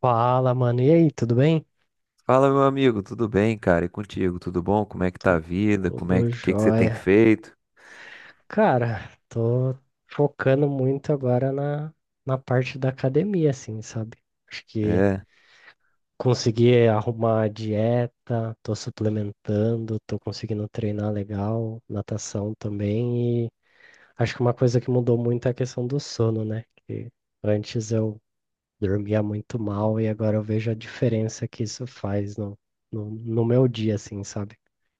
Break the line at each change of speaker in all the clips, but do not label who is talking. Fala, mano. E aí, tudo bem?
Fala, meu amigo, tudo bem, cara? E contigo, tudo bom? Como é que tá a vida? Como é que,
Tudo
que que você tem
jóia.
feito?
Cara, tô focando muito agora na parte da academia, assim, sabe? Acho que
É,
consegui arrumar a dieta, tô suplementando, tô conseguindo treinar legal, natação também. E acho que uma coisa que mudou muito é a questão do sono, né? Que antes eu dormia muito mal e agora eu vejo a diferença que isso faz no meu dia, assim, sabe?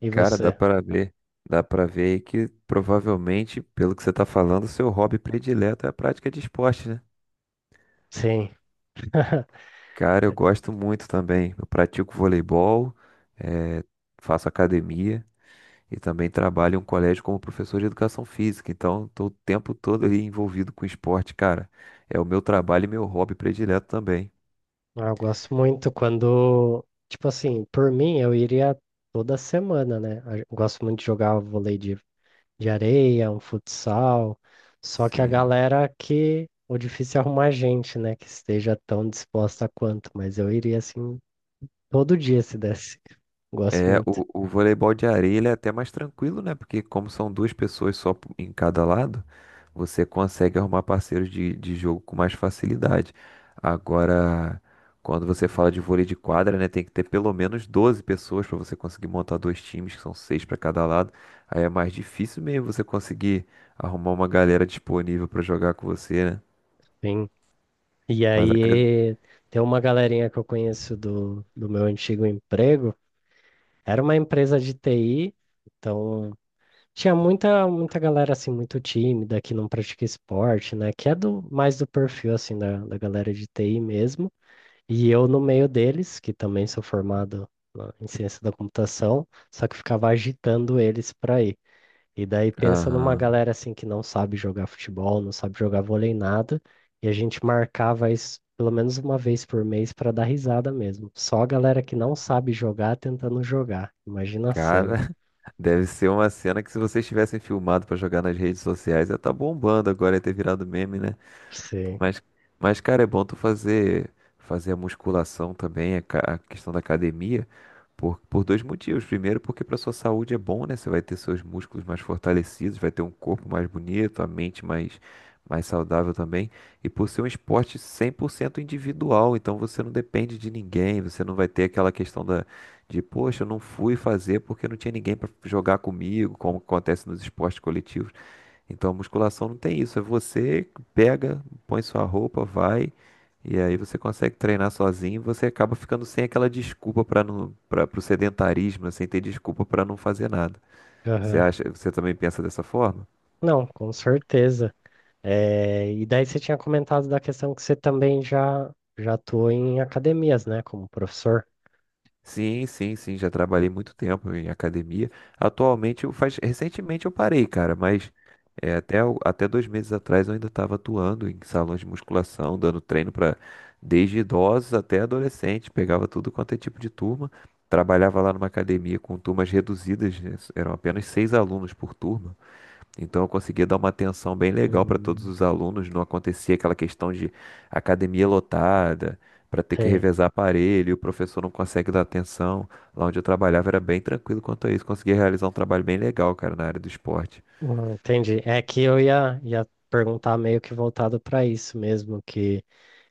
E
cara, dá
você?
pra ver, dá pra ver aí que provavelmente, pelo que você tá falando, o seu hobby predileto é a prática de esporte, né?
Sim,
Cara, eu gosto muito também. Eu pratico voleibol, eh, faço academia e também trabalho em um colégio como professor de educação física. Então, estou o tempo todo ali envolvido com esporte, cara. É o meu trabalho e meu hobby predileto também.
ah, eu gosto muito quando, tipo assim, por mim eu iria toda semana, né? Eu gosto muito de jogar vôlei de areia, um futsal, só que a
Sim.
galera que o difícil é arrumar gente, né? Que esteja tão disposta quanto, mas eu iria assim todo dia se desse. Gosto
É,
muito.
o voleibol de areia ele é até mais tranquilo, né? Porque como são duas pessoas só em cada lado, você consegue arrumar parceiros de jogo com mais facilidade. Agora, quando você fala de vôlei de quadra, né? Tem que ter pelo menos 12 pessoas para você conseguir montar 2 times, que são 6 para cada lado. Aí é mais difícil mesmo você conseguir arrumar uma galera disponível para jogar com você, né?
Sim. E
Mas a cada...
aí tem uma galerinha que eu conheço do meu antigo emprego, era uma empresa de TI. Então, tinha muita, muita galera assim muito tímida que não pratica esporte, né? Que é do mais do perfil assim da galera de TI mesmo. E eu no meio deles, que também sou formado em ciência da computação, só que ficava agitando eles para ir. E daí pensa numa
Aham.
galera assim que não sabe jogar futebol, não sabe jogar vôlei nada, e a gente marcava isso pelo menos uma vez por mês para dar risada mesmo. Só a galera que não sabe jogar tentando jogar. Imagina a cena.
Cara, deve ser uma cena que se vocês tivessem filmado pra jogar nas redes sociais, ia tá bombando agora, ia ter virado meme, né?
Sim.
Mas, mas, cara, é bom tu fazer a musculação também, a questão da academia, por 2 motivos. Primeiro, porque para sua saúde é bom, né? Você vai ter seus músculos mais fortalecidos, vai ter um corpo mais bonito, a mente mais saudável também. E por ser um esporte 100% individual, então você não depende de ninguém, você não vai ter aquela questão de, poxa, eu não fui fazer porque não tinha ninguém para jogar comigo, como acontece nos esportes coletivos. Então a musculação não tem isso, é você pega, põe sua roupa, vai, e aí você consegue treinar sozinho, e você acaba ficando sem aquela desculpa para não para o sedentarismo, né, sem ter desculpa para não fazer nada. Você também pensa dessa forma?
Não, com certeza. É, e daí você tinha comentado da questão que você também já atuou em academias, né, como professor.
Sim, sim, sim, já trabalhei muito tempo em academia. Atualmente, recentemente eu parei, cara, mas até 2 meses atrás eu ainda estava atuando em salões de musculação, dando treino para desde idosos até adolescentes, pegava tudo quanto é tipo de turma, trabalhava lá numa academia com turmas reduzidas, né, eram apenas 6 alunos por turma. Então eu conseguia dar uma atenção bem legal para todos
Hum,
os alunos, não acontecia aquela questão de academia lotada, para ter que
Sei.
revezar aparelho, e o professor não consegue dar atenção. Lá onde eu trabalhava era bem tranquilo quanto a isso, conseguia realizar um trabalho bem legal, cara, na área do esporte.
Entendi. É que eu ia perguntar meio que voltado para isso mesmo, que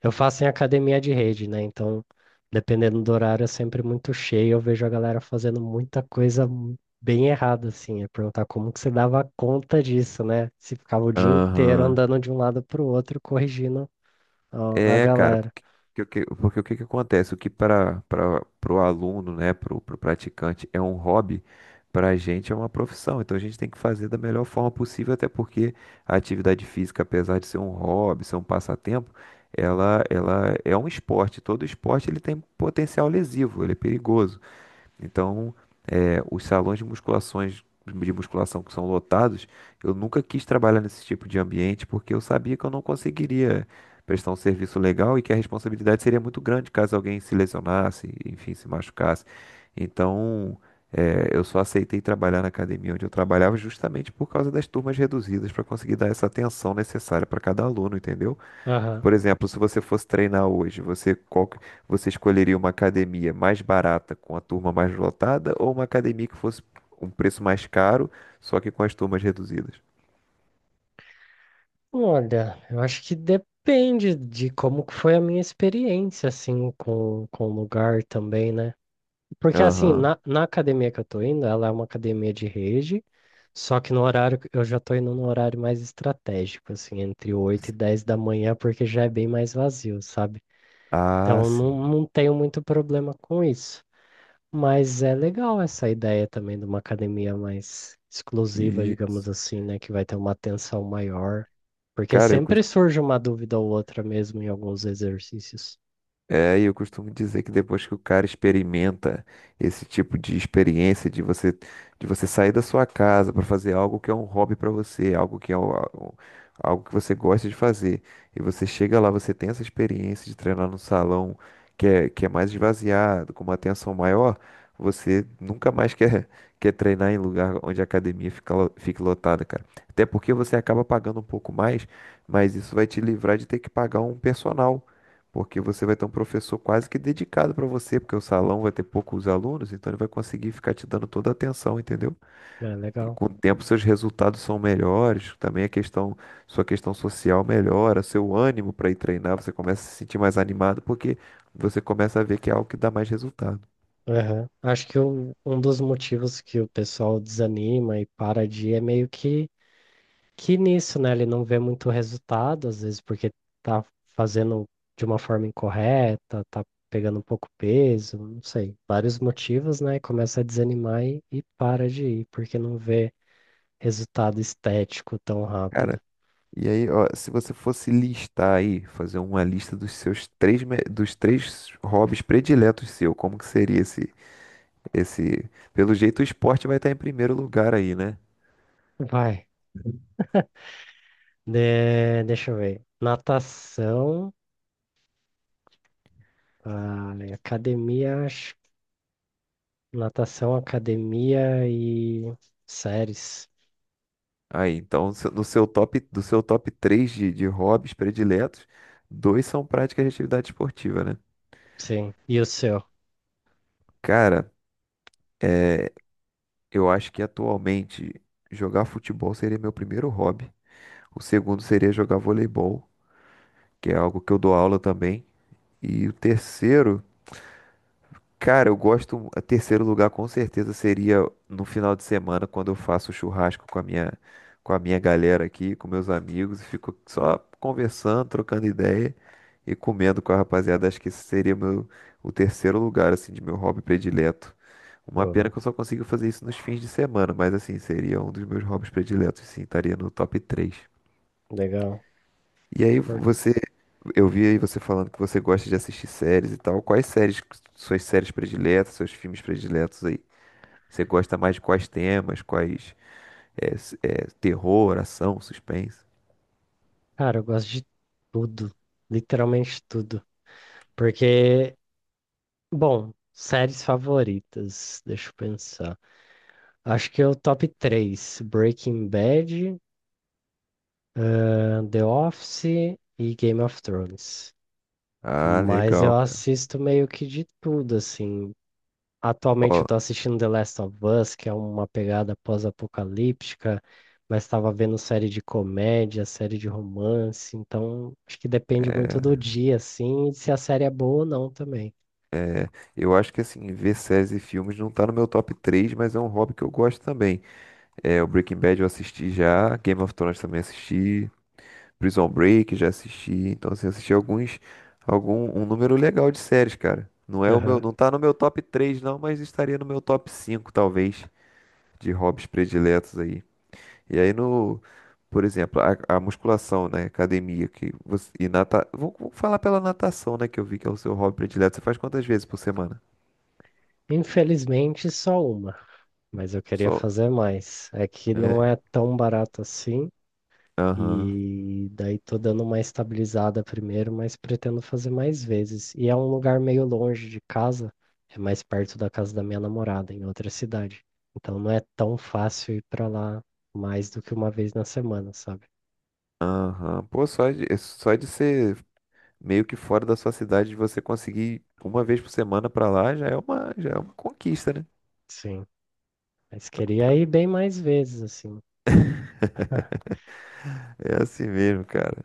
eu faço em academia de rede, né? Então, dependendo do horário, é sempre muito cheio. Eu vejo a galera fazendo muita coisa bem errada, assim. É perguntar como que você dava conta disso, né? Se ficava o dia inteiro
Aham.
andando de um lado para o outro, corrigindo a
É, cara,
galera.
porque o que que acontece? O que para o aluno, né, para o praticante é um hobby, para a gente é uma profissão. Então a gente tem que fazer da melhor forma possível, até porque a atividade física, apesar de ser um hobby, ser um passatempo, ela é um esporte. Todo esporte ele tem potencial lesivo, ele é perigoso. Então os salões de musculação que são lotados, eu nunca quis trabalhar nesse tipo de ambiente porque eu sabia que eu não conseguiria prestar um serviço legal e que a responsabilidade seria muito grande caso alguém se lesionasse, enfim, se machucasse. Então, eu só aceitei trabalhar na academia onde eu trabalhava justamente por causa das turmas reduzidas para conseguir dar essa atenção necessária para cada aluno, entendeu?
Aham.
Por exemplo, se você fosse treinar hoje, você escolheria uma academia mais barata com a turma mais lotada ou uma academia que fosse um preço mais caro, só que com as turmas reduzidas?
Olha, eu acho que depende de como que foi a minha experiência, assim, com o lugar também, né? Porque assim,
Aham.
na academia que eu tô indo, ela é uma academia de rede, só que no horário, eu já tô indo num horário mais estratégico, assim, entre 8 e 10 da manhã, porque já é bem mais vazio, sabe?
Ah,
Então
sim.
não tenho muito problema com isso. Mas é legal essa ideia também de uma academia mais exclusiva, digamos
Isso.
assim, né? Que vai ter uma atenção maior. Porque
Cara, eu,
sempre surge uma dúvida ou outra mesmo em alguns exercícios.
É, e eu costumo dizer que depois que o cara experimenta esse tipo de experiência de você sair da sua casa para fazer algo que é um hobby para você, algo que é o- algo que você gosta de fazer, e você chega lá, você tem essa experiência de treinar num salão que é mais esvaziado, com uma atenção maior, você nunca mais quer quer treinar em lugar onde a academia fique lotada, cara. Até porque você acaba pagando um pouco mais, mas isso vai te livrar de ter que pagar um personal porque você vai ter um professor quase que dedicado para você, porque o salão vai ter poucos alunos, então ele vai conseguir ficar te dando toda a atenção, entendeu?
É
E
legal.
com o tempo seus resultados são melhores, também a questão, sua questão social melhora, seu ânimo para ir treinar, você começa a se sentir mais animado, porque você começa a ver que é algo que dá mais resultado.
Aham. Acho que um dos motivos que o pessoal desanima e para de ir é meio que, nisso, né? Ele não vê muito resultado, às vezes porque tá fazendo de uma forma incorreta, tá pegando pouco peso, não sei. Vários motivos, né? Começa a desanimar e para de ir, porque não vê resultado estético tão rápido.
Cara, e aí, ó, se você fosse listar aí, fazer uma lista dos três hobbies prediletos seu, como que seria Pelo jeito o esporte vai estar em primeiro lugar aí, né?
Vai. Deixa eu ver. Natação, academia, natação, academia e séries.
Aí, então, no seu top 3 de hobbies prediletos, dois são práticas de atividade esportiva, né?
Sim. E o seu?
Cara, é, eu acho que atualmente jogar futebol seria meu primeiro hobby. O segundo seria jogar voleibol, que é algo que eu dou aula também. E o terceiro cara, eu gosto. A Terceiro lugar com certeza seria no final de semana, quando eu faço churrasco com a minha galera aqui, com meus amigos, e fico só conversando, trocando ideia e comendo com a rapaziada. Acho que esse seria meu, o terceiro lugar, assim, de meu hobby predileto. Uma pena
Boa.
que eu só consigo fazer isso nos fins de semana, mas assim, seria um dos meus hobbies prediletos, sim, estaria no top 3.
Legal.
E aí
Por-
eu vi aí você falando que você gosta de assistir séries e tal. Quais séries, suas séries prediletas, seus filmes prediletos aí? Você gosta mais de quais temas? Quais terror, ação, suspense?
Cara, eu gosto de tudo. Literalmente tudo. Porque, bom, séries favoritas. Deixa eu pensar. Acho que é o top três: Breaking Bad, The Office e Game of Thrones.
Ah,
Mas eu
legal, cara.
assisto meio que de tudo, assim. Atualmente
Ó,
eu tô assistindo The Last of Us, que é uma pegada pós-apocalíptica, mas estava vendo série de comédia, série de romance, então acho que depende muito do dia, assim, e se a série é boa ou não também.
é, é, eu acho que assim, ver séries e filmes não tá no meu top 3, mas é um hobby que eu gosto também. É, o Breaking Bad eu assisti já, Game of Thrones também assisti, Prison Break, já assisti. Então, assim, assisti um número legal de séries, cara. Não é o meu,
Aham.
não tá no meu top 3 não, mas estaria no meu top 5 talvez, de hobbies prediletos aí. E aí no, por exemplo, a musculação, né, academia, que você, e nata, vou, vou falar pela natação, né, que eu vi que é o seu hobby predileto. Você faz quantas vezes por semana?
Infelizmente, só uma, mas eu queria
Só.
fazer mais. É que não
É.
é tão barato assim,
Aham.
e daí tô dando uma estabilizada primeiro, mas pretendo fazer mais vezes. E é um lugar meio longe de casa, é mais perto da casa da minha namorada, em outra cidade. Então não é tão fácil ir pra lá mais do que uma vez na semana, sabe?
Aham. Pô, só de, é só de ser meio que fora da sua cidade, você conseguir uma vez por semana pra lá já é uma conquista, né?
Sim. Mas
Então
queria
tá.
ir bem mais vezes, assim.
É assim mesmo, cara.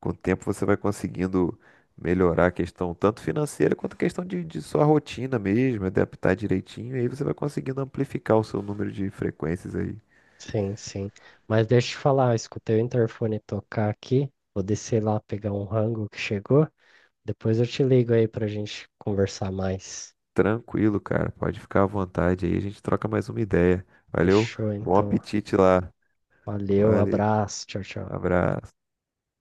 Com o tempo você vai conseguindo melhorar a questão tanto financeira quanto a questão de sua rotina mesmo, adaptar direitinho, e aí você vai conseguindo amplificar o seu número de frequências aí.
Sim, sim. Mas deixa eu te falar, eu escutei o interfone tocar aqui. Vou descer lá pegar um rango que chegou. Depois eu te ligo aí pra gente conversar mais.
Tranquilo, cara. Pode ficar à vontade aí, a gente troca mais uma ideia. Valeu,
Fechou,
bom
então.
apetite lá.
Valeu,
Valeu,
abraço, tchau, tchau.
abraço.